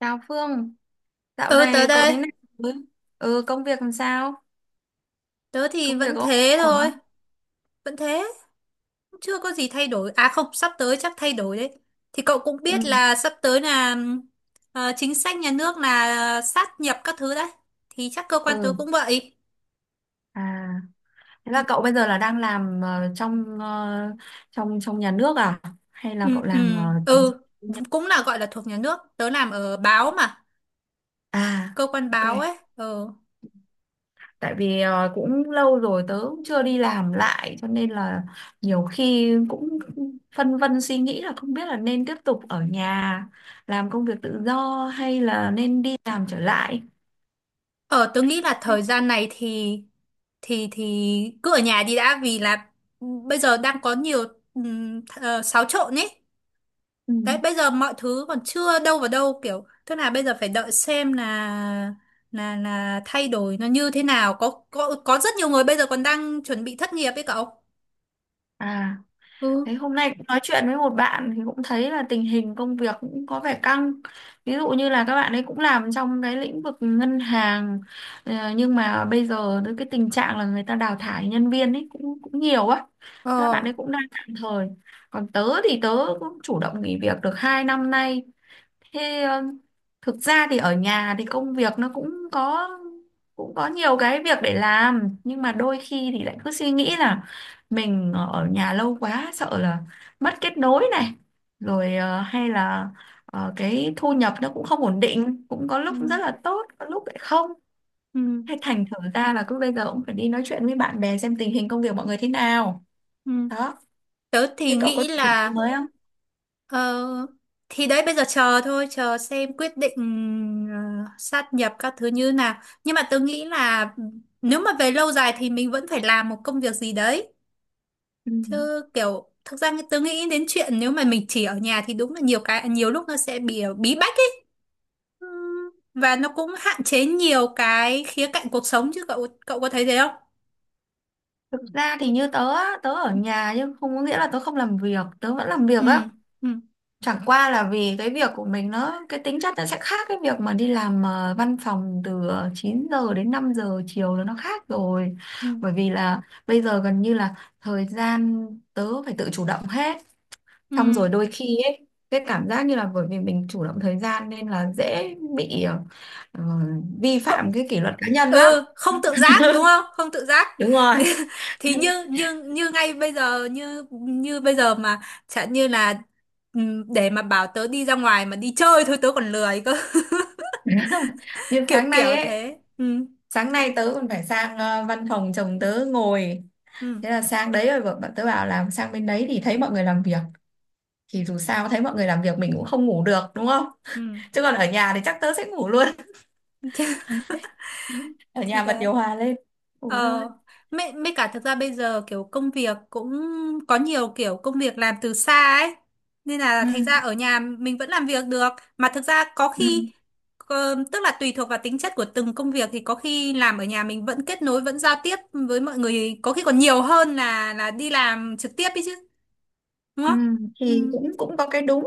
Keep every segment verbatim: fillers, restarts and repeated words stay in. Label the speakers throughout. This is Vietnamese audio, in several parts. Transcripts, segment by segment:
Speaker 1: Chào Phương, dạo
Speaker 2: Ừ tới
Speaker 1: này cậu
Speaker 2: đây,
Speaker 1: thế nào? Rồi? Ừ, công việc làm sao?
Speaker 2: tớ thì
Speaker 1: Công việc
Speaker 2: vẫn
Speaker 1: có
Speaker 2: thế
Speaker 1: ổn
Speaker 2: thôi,
Speaker 1: không?
Speaker 2: vẫn thế, chưa có gì thay đổi. À không, sắp tới chắc thay đổi đấy. Thì cậu cũng biết
Speaker 1: Ừ,
Speaker 2: là sắp tới là ờ, chính sách nhà nước là sát nhập các thứ đấy. Thì chắc cơ quan tớ
Speaker 1: ừ.
Speaker 2: cũng vậy.
Speaker 1: À, thế
Speaker 2: Ừ,
Speaker 1: là cậu bây giờ là đang làm ờ, trong ờ, trong trong nhà nước à? Hay là
Speaker 2: ừ,
Speaker 1: cậu
Speaker 2: ừ,
Speaker 1: làm ờ,
Speaker 2: ừ, cũng là gọi là thuộc nhà nước. Tớ làm ở báo mà,
Speaker 1: À,
Speaker 2: cơ quan
Speaker 1: ok.
Speaker 2: báo ấy. Ừ.
Speaker 1: Tại vì ờ, cũng lâu rồi tớ cũng chưa đi làm lại cho nên là nhiều khi cũng phân vân suy nghĩ là không biết là nên tiếp tục ở nhà làm công việc tự do hay là nên đi làm trở lại.
Speaker 2: Ờ, tớ nghĩ là thời gian này thì thì thì cứ ở nhà đi đã, vì là ừ, bây giờ đang có nhiều um, xáo trộn ấy.
Speaker 1: Ừ.
Speaker 2: Đấy, bây giờ mọi thứ còn chưa đâu vào đâu, kiểu tức là bây giờ phải đợi xem là là là thay đổi nó như thế nào, có có có rất nhiều người bây giờ còn đang chuẩn bị thất nghiệp ấy cậu.
Speaker 1: À.
Speaker 2: Ừ.
Speaker 1: Đấy, hôm nay cũng nói chuyện với một bạn thì cũng thấy là tình hình công việc cũng có vẻ căng. Ví dụ như là các bạn ấy cũng làm trong cái lĩnh vực ngân hàng, ờ, nhưng mà bây giờ tới cái tình trạng là người ta đào thải nhân viên ấy cũng cũng nhiều á. Thế là
Speaker 2: Ờ.
Speaker 1: bạn ấy cũng đang tạm thời. Còn tớ thì tớ cũng chủ động nghỉ việc được hai năm nay. Thế ờ, thực ra thì ở nhà thì công việc nó cũng có cũng có nhiều cái việc để làm, nhưng mà đôi khi thì lại cứ suy nghĩ là mình ở nhà lâu quá sợ là mất kết nối này rồi, ờ, hay là ờ, cái thu nhập nó cũng không ổn định, cũng có
Speaker 2: Ừ.
Speaker 1: lúc rất là tốt có lúc lại không,
Speaker 2: Ừ.
Speaker 1: hay thành thử ra là cứ bây giờ cũng phải đi nói chuyện với bạn bè xem tình hình công việc mọi người thế nào
Speaker 2: Ừ.
Speaker 1: đó.
Speaker 2: Tớ thì
Speaker 1: Thế cậu có
Speaker 2: nghĩ
Speaker 1: định gì
Speaker 2: là
Speaker 1: mới không?
Speaker 2: ờ, thì đấy bây giờ chờ thôi, chờ xem quyết định ờ, sát nhập các thứ như nào, nhưng mà tớ nghĩ là ừ, nếu mà về lâu dài thì mình vẫn phải làm một công việc gì đấy.
Speaker 1: Ừ.
Speaker 2: Chứ kiểu thực ra tớ nghĩ đến chuyện nếu mà mình chỉ ở nhà thì đúng là nhiều cái, nhiều lúc nó sẽ bị ờ, bí bách ấy. Ừ. Và nó cũng hạn chế nhiều cái khía cạnh cuộc sống chứ, cậu cậu có thấy thế không?
Speaker 1: Thực ra thì như tớ á, tớ ở nhà nhưng không có nghĩa là tớ không làm việc, tớ vẫn làm việc á.
Speaker 2: Ừ. Ừ.
Speaker 1: Chẳng qua là vì cái việc của mình nó, cái tính chất nó sẽ khác cái việc mà đi làm ờ, văn phòng từ ờ, chín giờ đến năm giờ chiều là nó khác rồi.
Speaker 2: Ừ.
Speaker 1: Bởi vì là bây giờ gần như là thời gian tớ phải tự chủ động hết.
Speaker 2: Ừ.
Speaker 1: Xong rồi đôi khi ấy, cái cảm giác như là bởi vì mình chủ động thời gian nên là dễ bị ờ, ờ, vi
Speaker 2: Không,
Speaker 1: phạm cái kỷ luật cá nhân lắm.
Speaker 2: ừ, không tự giác đúng không? Không tự giác.
Speaker 1: Đúng rồi.
Speaker 2: Thì như như như ngay bây giờ, như như bây giờ mà chẳng như là ừ, để mà bảo tớ đi ra ngoài mà đi chơi thôi tớ còn lười cơ.
Speaker 1: Như
Speaker 2: Kiểu
Speaker 1: tháng
Speaker 2: kiểu
Speaker 1: này ấy,
Speaker 2: thế. Ừ.
Speaker 1: sáng nay tớ còn phải sang ờ, văn phòng chồng tớ ngồi,
Speaker 2: Ừ.
Speaker 1: thế là sang đấy rồi bọn bọn tớ bảo làm sang bên đấy thì thấy mọi người làm việc, thì dù sao thấy mọi người làm việc mình cũng không ngủ được đúng không,
Speaker 2: Ừ.
Speaker 1: chứ còn ở nhà thì chắc tớ sẽ ngủ luôn. Ở
Speaker 2: Thì
Speaker 1: nhà bật
Speaker 2: đấy.
Speaker 1: điều hòa lên ngủ thôi.
Speaker 2: Ờ, mấy, mấy cả thực ra bây giờ kiểu công việc cũng có nhiều kiểu công việc làm từ xa ấy. Nên là
Speaker 1: Ừ,
Speaker 2: thành ra ở nhà mình vẫn làm việc được. Mà thực ra có
Speaker 1: ừ,
Speaker 2: khi, ờ, tức là tùy thuộc vào tính chất của từng công việc thì có khi làm ở nhà mình vẫn kết nối, vẫn giao tiếp với mọi người. Có khi còn nhiều hơn là là đi làm trực tiếp ấy chứ. Đúng
Speaker 1: ừ.
Speaker 2: không? Ừ.
Speaker 1: Thì cũng cũng có cái đúng,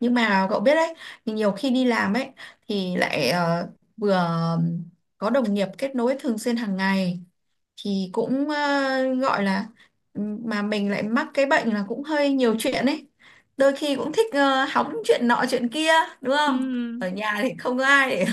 Speaker 1: nhưng mà cậu biết đấy, thì nhiều khi đi làm ấy thì lại ờ, vừa có đồng nghiệp kết nối thường xuyên hàng ngày thì cũng, ờ, gọi là, ừ, mà mình lại mắc cái bệnh là cũng hơi nhiều chuyện ấy, đôi khi cũng thích ờ, hóng chuyện nọ chuyện kia đúng
Speaker 2: Ừ.
Speaker 1: không. Ở
Speaker 2: Ừ.
Speaker 1: nhà thì không có ai để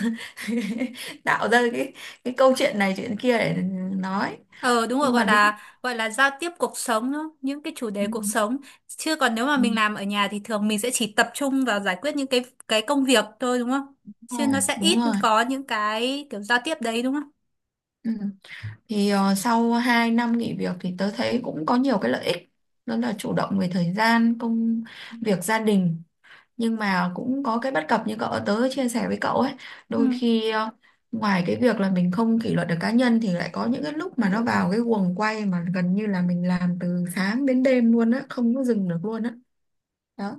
Speaker 1: tạo ra cái cái câu chuyện này chuyện kia để nói,
Speaker 2: Ờ đúng rồi,
Speaker 1: nhưng mà
Speaker 2: gọi
Speaker 1: đúng,
Speaker 2: là gọi là giao tiếp cuộc sống đó, những cái chủ
Speaker 1: ừ,
Speaker 2: đề cuộc sống. Chứ còn nếu mà
Speaker 1: ừ,
Speaker 2: mình làm ở nhà thì thường mình sẽ chỉ tập trung vào giải quyết những cái cái công việc thôi đúng không?
Speaker 1: đúng
Speaker 2: Chứ nó
Speaker 1: rồi
Speaker 2: sẽ
Speaker 1: đúng
Speaker 2: ít
Speaker 1: rồi.
Speaker 2: có những cái kiểu giao tiếp đấy đúng không?
Speaker 1: Ừ. Thì ờ, sau hai năm nghỉ việc thì tớ thấy cũng có nhiều cái lợi ích, đó là chủ động về thời gian công việc gia đình, nhưng mà cũng có cái bất cập như cậu tớ chia sẻ với cậu ấy. Đôi
Speaker 2: Ừ.
Speaker 1: khi ờ, ngoài cái việc là mình không kỷ luật được cá nhân thì lại có những cái lúc mà nó vào cái guồng quay mà gần như là mình làm từ sáng đến đêm luôn á, không có dừng được luôn á đó.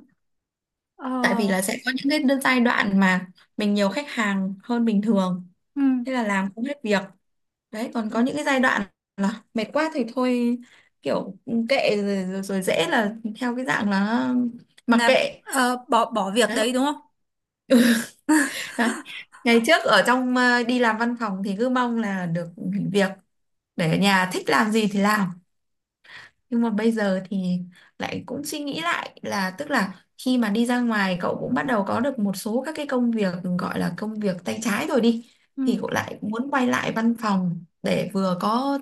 Speaker 1: Tại vì
Speaker 2: Ờ.
Speaker 1: là sẽ có những cái đơn- giai đoạn mà mình nhiều khách hàng hơn bình thường,
Speaker 2: Ừ.
Speaker 1: thế là làm không hết việc. Đấy, còn
Speaker 2: Ừ.
Speaker 1: có những cái giai đoạn là mệt quá thì thôi, kiểu ừ, kệ rồi, rồi, rồi dễ là theo cái dạng là mặc
Speaker 2: Là
Speaker 1: kệ.
Speaker 2: ờ, bỏ bỏ việc
Speaker 1: Đấy.
Speaker 2: đấy đúng không?
Speaker 1: Ha. Ngày trước ở trong ờ, đi làm văn phòng thì cứ mong là được nghỉ việc để ở nhà thích làm gì thì làm. Nhưng mà bây giờ thì lại cũng suy nghĩ lại, là tức là khi mà đi ra ngoài cậu cũng bắt đầu có được một số các cái công việc gọi là công việc tay trái rồi đi,
Speaker 2: Ừ.
Speaker 1: thì cậu lại muốn quay lại văn phòng để vừa có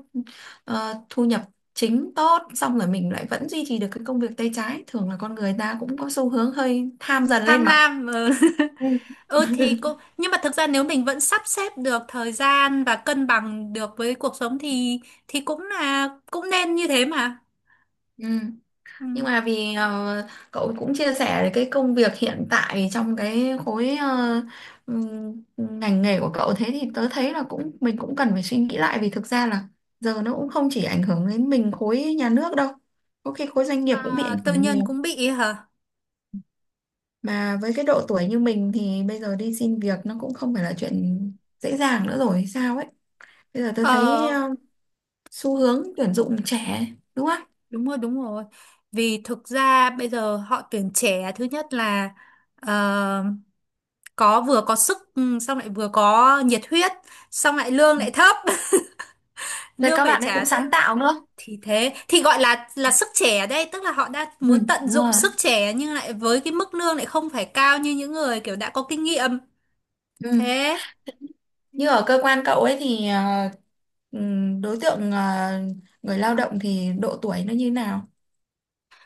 Speaker 1: ờ, thu nhập chính tốt, xong rồi mình lại vẫn duy trì được cái công việc tay trái. Thường là con người ta cũng có xu hướng hơi tham dần lên
Speaker 2: Tham
Speaker 1: mà.
Speaker 2: lam. Ừ.
Speaker 1: Ừ.
Speaker 2: Ừ thì cũng, nhưng mà thực ra nếu mình vẫn sắp xếp được thời gian và cân bằng được với cuộc sống thì thì cũng là cũng nên như thế mà.
Speaker 1: Ừ. Nhưng
Speaker 2: Ừ.
Speaker 1: mà vì ờ, cậu cũng chia sẻ về cái công việc hiện tại trong cái khối ờ, ừm, ngành nghề của cậu, thế thì tớ thấy là cũng mình cũng cần phải suy nghĩ lại, vì thực ra là giờ nó cũng không chỉ ảnh hưởng đến mình khối nhà nước đâu. Có khi khối doanh nghiệp cũng bị
Speaker 2: À,
Speaker 1: ảnh
Speaker 2: tư
Speaker 1: hưởng
Speaker 2: nhân
Speaker 1: nhiều.
Speaker 2: cũng bị hả?
Speaker 1: Mà với cái độ tuổi như mình thì bây giờ đi xin việc nó cũng không phải là chuyện dễ dàng nữa rồi hay sao ấy. Bây giờ tôi thấy
Speaker 2: Ờ,
Speaker 1: ờ, xu hướng tuyển dụng trẻ, đúng không?
Speaker 2: đúng rồi, đúng rồi. Vì thực ra bây giờ họ tuyển trẻ, thứ nhất là ờ, có, vừa có sức, ừ, xong lại vừa có nhiệt huyết, xong lại lương lại thấp,
Speaker 1: Rồi
Speaker 2: lương
Speaker 1: các
Speaker 2: phải
Speaker 1: bạn ấy
Speaker 2: trả
Speaker 1: cũng
Speaker 2: th-
Speaker 1: sáng tạo nữa.
Speaker 2: thì thế thì gọi là là sức trẻ đây, tức là họ đã
Speaker 1: Ừ,
Speaker 2: muốn tận
Speaker 1: đúng
Speaker 2: dụng
Speaker 1: rồi.
Speaker 2: sức trẻ nhưng lại với cái mức lương lại không phải cao như những người kiểu đã có kinh nghiệm.
Speaker 1: Ừ.
Speaker 2: Thế
Speaker 1: Như ở cơ quan cậu ấy thì ờ, ừm, đối tượng, ờ, người lao động thì độ tuổi nó như nào?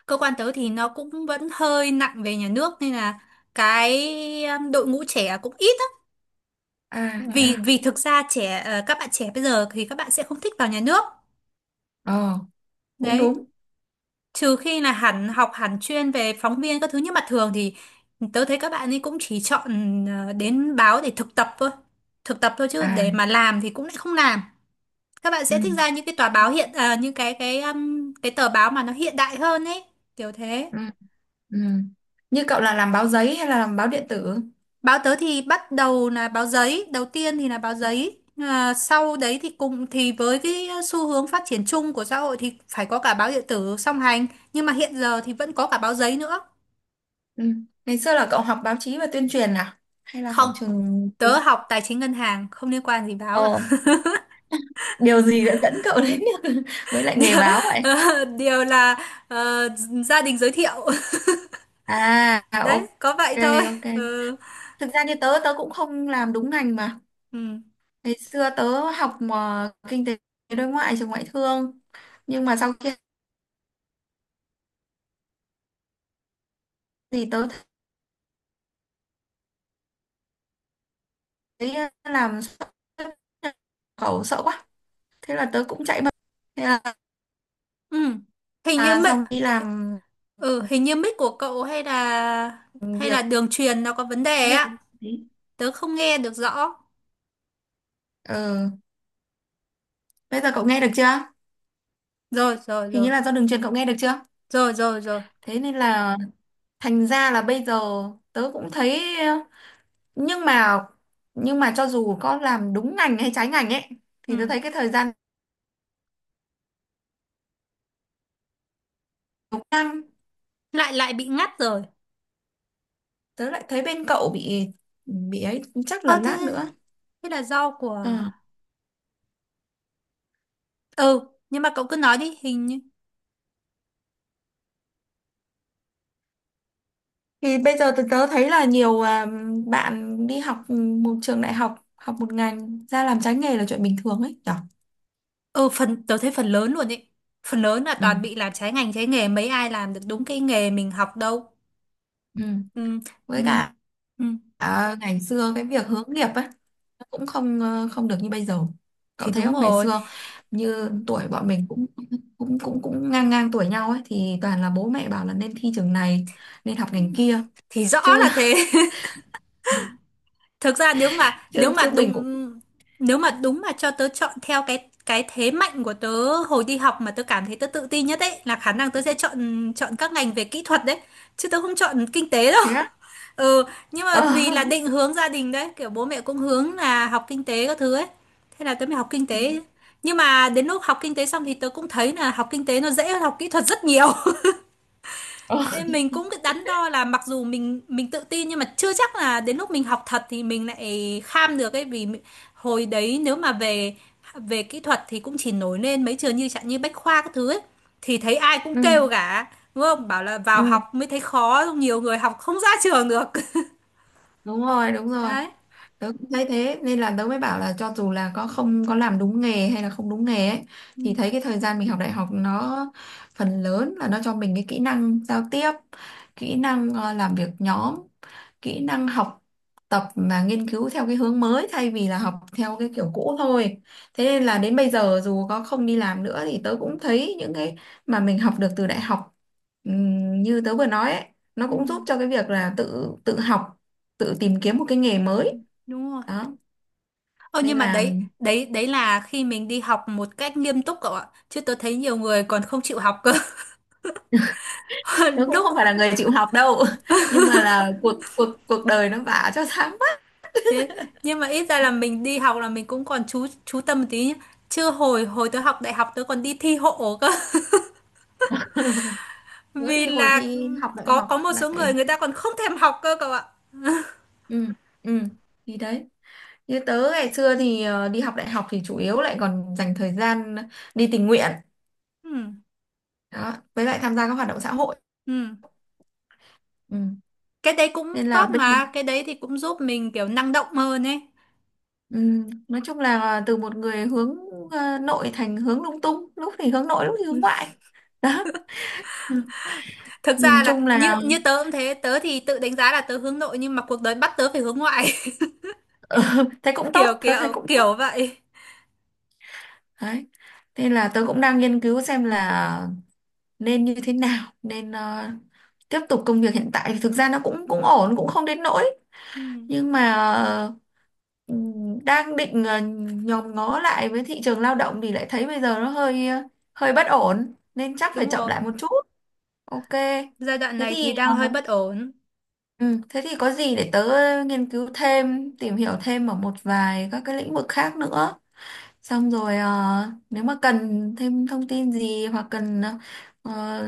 Speaker 2: cơ quan tớ thì nó cũng vẫn hơi nặng về nhà nước, nên là cái um, đội ngũ trẻ cũng ít.
Speaker 1: À thế
Speaker 2: vì
Speaker 1: à?
Speaker 2: vì thực ra trẻ, ờ, các bạn trẻ bây giờ thì các bạn sẽ không thích vào nhà nước
Speaker 1: Ờ, cũng
Speaker 2: đấy,
Speaker 1: đúng.
Speaker 2: trừ khi là hẳn học, hẳn chuyên về phóng viên các thứ, nhưng mà thường thì tớ thấy các bạn ấy cũng chỉ chọn ờ, đến báo để thực tập thôi, thực tập thôi chứ
Speaker 1: À,
Speaker 2: để mà làm thì cũng lại không làm. Các bạn
Speaker 1: ừ,
Speaker 2: sẽ thích ra những cái tòa báo hiện ờ, những cái cái um, cái tờ báo mà nó hiện đại hơn ấy, kiểu thế.
Speaker 1: ừ, ừ. Như cậu là làm báo giấy hay là làm báo điện tử?
Speaker 2: Báo tớ thì bắt đầu là báo giấy, đầu tiên thì là báo giấy. À, sau đấy thì cùng thì với cái xu hướng phát triển chung của xã hội thì phải có cả báo điện tử song hành, nhưng mà hiện giờ thì vẫn có cả báo giấy nữa.
Speaker 1: Ừ. Ngày xưa là cậu học báo chí và tuyên truyền à? Hay là
Speaker 2: Không,
Speaker 1: học trường
Speaker 2: tớ
Speaker 1: gì?
Speaker 2: học tài chính ngân hàng, không liên quan gì báo
Speaker 1: Ờ,
Speaker 2: cả.
Speaker 1: điều gì đã dẫn cậu đến với lại nghề
Speaker 2: Điều,
Speaker 1: báo vậy?
Speaker 2: ờ, điều là ờ, gia đình giới thiệu.
Speaker 1: À, ok,
Speaker 2: Đấy, có vậy thôi.
Speaker 1: ok.
Speaker 2: Ừ.
Speaker 1: Thực ra như tớ, tớ cũng không làm đúng ngành mà.
Speaker 2: Ừ.
Speaker 1: Ngày xưa tớ học mà kinh tế đối ngoại trường ngoại thương, nhưng mà sau khi thì tớ thấy ờ, làm xuất nhập khẩu sợ quá, thế là tớ cũng chạy mất, thế là
Speaker 2: Ừ. Hình như
Speaker 1: là
Speaker 2: mic
Speaker 1: xong đi làm
Speaker 2: ừ, hình như mic của cậu hay là hay
Speaker 1: việc.
Speaker 2: là đường truyền nó có vấn đề á. Tớ không nghe được rõ.
Speaker 1: Ừ. Bây giờ cậu nghe được chưa?
Speaker 2: Rồi, rồi,
Speaker 1: Hình
Speaker 2: rồi.
Speaker 1: như là do đường truyền, cậu nghe được chưa?
Speaker 2: Rồi, rồi, rồi.
Speaker 1: Thế nên là thành ra là bây giờ tớ cũng thấy ờ, nhưng mà, nhưng mà cho dù có làm đúng ngành hay trái ngành ấy thì tớ
Speaker 2: Ừ.
Speaker 1: thấy cái thời gian, đúng.
Speaker 2: lại lại bị ngắt rồi.
Speaker 1: Tớ lại thấy bên cậu bị, bị ấy, chắc
Speaker 2: ờ
Speaker 1: là lát
Speaker 2: thế
Speaker 1: nữa.
Speaker 2: thế là do của,
Speaker 1: Ờ.
Speaker 2: ừ nhưng mà cậu cứ nói đi, hình như.
Speaker 1: Thì bây giờ tớ, tớ thấy là nhiều à, bạn đi học, ừ, một trường đại học học một ngành ra làm trái nghề là chuyện bình thường ấy nhở.
Speaker 2: Ừ, phần tớ thấy phần lớn luôn ấy, phần lớn là
Speaker 1: Ừ.
Speaker 2: toàn bị làm trái ngành trái nghề, mấy ai làm được đúng cái nghề mình học đâu.
Speaker 1: Ừ.
Speaker 2: Ừ. Ừ.
Speaker 1: Với cả,
Speaker 2: Ừ.
Speaker 1: à, ngày xưa cái việc hướng nghiệp ấy nó cũng không ờ, không được như bây giờ,
Speaker 2: Thì
Speaker 1: cậu thấy
Speaker 2: đúng
Speaker 1: không? Ngày
Speaker 2: rồi,
Speaker 1: xưa như tuổi bọn mình cũng cũng cũng cũng ngang ngang tuổi nhau ấy thì toàn là bố mẹ bảo là nên thi trường này nên học ngành kia,
Speaker 2: thì rõ
Speaker 1: chứ
Speaker 2: là thế. Thực ra nếu mà nếu
Speaker 1: chứ
Speaker 2: mà
Speaker 1: chứ mình cũng
Speaker 2: đúng nếu mà đúng mà cho tớ chọn theo cái cái thế mạnh của tớ hồi đi học mà tớ cảm thấy tớ tự tin nhất ấy, là khả năng tớ sẽ chọn chọn các ngành về kỹ thuật đấy, chứ tớ không chọn kinh tế đâu.
Speaker 1: thế.
Speaker 2: Ừ, nhưng mà
Speaker 1: Ờ,
Speaker 2: vì là định hướng gia đình đấy, kiểu bố mẹ cũng hướng là học kinh tế các thứ ấy, thế là tớ mới học kinh
Speaker 1: ừ,
Speaker 2: tế. Nhưng mà đến lúc học kinh tế xong thì tớ cũng thấy là học kinh tế nó dễ hơn học kỹ thuật rất nhiều,
Speaker 1: ờ,
Speaker 2: nên mình cũng cái đắn đo là mặc dù mình mình tự tin nhưng mà chưa chắc là đến lúc mình học thật thì mình lại kham được ấy, vì mình- hồi đấy nếu mà về về kỹ thuật thì cũng chỉ nổi lên mấy trường như chẳng như Bách Khoa các thứ ấy, thì thấy ai cũng
Speaker 1: ừ,
Speaker 2: kêu cả đúng không, bảo là vào
Speaker 1: ừ
Speaker 2: học mới thấy khó, xong nhiều người học không ra trường được.
Speaker 1: đúng rồi đúng rồi.
Speaker 2: Đấy.
Speaker 1: Tớ cũng thấy thế nên là tớ mới bảo là cho dù là có không có làm đúng nghề hay là không đúng nghề ấy
Speaker 2: Ừ.
Speaker 1: thì thấy cái thời gian mình học đại học nó phần lớn là nó cho mình cái kỹ năng giao tiếp, kỹ năng ờ, làm việc nhóm, kỹ năng học tập mà nghiên cứu theo cái hướng mới thay vì là học theo cái kiểu cũ thôi. Thế nên là đến bây giờ dù có không đi làm nữa thì tớ cũng thấy những cái mà mình học được từ đại học, ừm, như tớ vừa nói ấy, nó
Speaker 2: Ừ.
Speaker 1: cũng giúp cho cái việc là tự tự học, tự tìm kiếm một cái nghề
Speaker 2: Ừ.
Speaker 1: mới.
Speaker 2: Đúng rồi.
Speaker 1: Đó
Speaker 2: Ờ
Speaker 1: nên
Speaker 2: nhưng mà
Speaker 1: là
Speaker 2: đấy đấy đấy là khi mình đi học một cách nghiêm túc cậu ạ, chứ tôi thấy nhiều người còn không chịu học cơ.
Speaker 1: tớ cũng
Speaker 2: lúc
Speaker 1: không phải là người chịu học đâu, nhưng mà là cuộc cuộc cuộc đời nó vả cho sáng mắt.
Speaker 2: Thế, nhưng mà ít ra là mình đi học là mình cũng còn chú chú tâm một tí nhá. Chưa hồi hồi tớ học đại học tớ còn đi thi hộ cơ.
Speaker 1: Tớ
Speaker 2: Vì
Speaker 1: thì hồi
Speaker 2: là
Speaker 1: thi học đại
Speaker 2: có
Speaker 1: học
Speaker 2: có một số
Speaker 1: lại,
Speaker 2: người người ta còn không thèm học cơ cậu ạ.
Speaker 1: ừ, ừ, thì đấy, như tớ ngày xưa thì ờ, đi học đại học thì chủ yếu lại còn dành thời gian đi tình nguyện
Speaker 2: Ừ.
Speaker 1: đó, với lại tham gia các hoạt động xã hội.
Speaker 2: Ừ.
Speaker 1: Ừ.
Speaker 2: Cái đấy cũng
Speaker 1: Nên là
Speaker 2: tốt
Speaker 1: bây giờ,
Speaker 2: mà, cái đấy thì cũng giúp mình kiểu năng động hơn ấy.
Speaker 1: ừ, nói chung là từ một người hướng ờ, nội thành hướng lung tung, lúc thì hướng nội lúc thì hướng ngoại đó. Ừ.
Speaker 2: Thực
Speaker 1: Nhìn
Speaker 2: ra là
Speaker 1: chung
Speaker 2: như
Speaker 1: là
Speaker 2: như tớ cũng thế, tớ thì tự đánh giá là tớ hướng nội nhưng mà cuộc đời bắt tớ phải hướng ngoại.
Speaker 1: thế cũng
Speaker 2: Kiểu
Speaker 1: tốt, tớ thấy
Speaker 2: kiểu
Speaker 1: cũng tốt.
Speaker 2: kiểu vậy.
Speaker 1: Đấy, nên là tớ cũng đang nghiên cứu xem là nên như thế nào, nên ờ, tiếp tục công việc hiện tại thì thực ra nó cũng cũng ổn cũng không đến nỗi,
Speaker 2: Ừ.
Speaker 1: nhưng mà ờ, ừm, đang định ờ, nhòm ngó lại với thị trường lao động thì lại thấy bây giờ nó hơi ờ, hơi bất ổn, nên chắc phải
Speaker 2: Đúng
Speaker 1: chậm
Speaker 2: rồi.
Speaker 1: lại một chút. Ok.
Speaker 2: Giai đoạn
Speaker 1: thế
Speaker 2: này thì
Speaker 1: thì
Speaker 2: đang hơi
Speaker 1: ờ,
Speaker 2: bất ổn.
Speaker 1: ừ, thế thì có gì để tớ nghiên cứu thêm tìm hiểu thêm ở một vài các cái lĩnh vực khác nữa. Xong rồi ờ, nếu mà cần thêm thông tin gì hoặc cần ờ,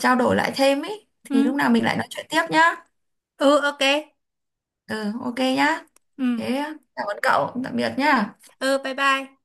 Speaker 1: trao đổi lại thêm ấy thì lúc
Speaker 2: Ừ.
Speaker 1: nào mình lại nói chuyện tiếp nhá.
Speaker 2: Ừ, ok.
Speaker 1: Ừ, ok nhá.
Speaker 2: Ừ.
Speaker 1: Thế cảm ơn cậu, tạm biệt nhá.
Speaker 2: Ừ, bye bye.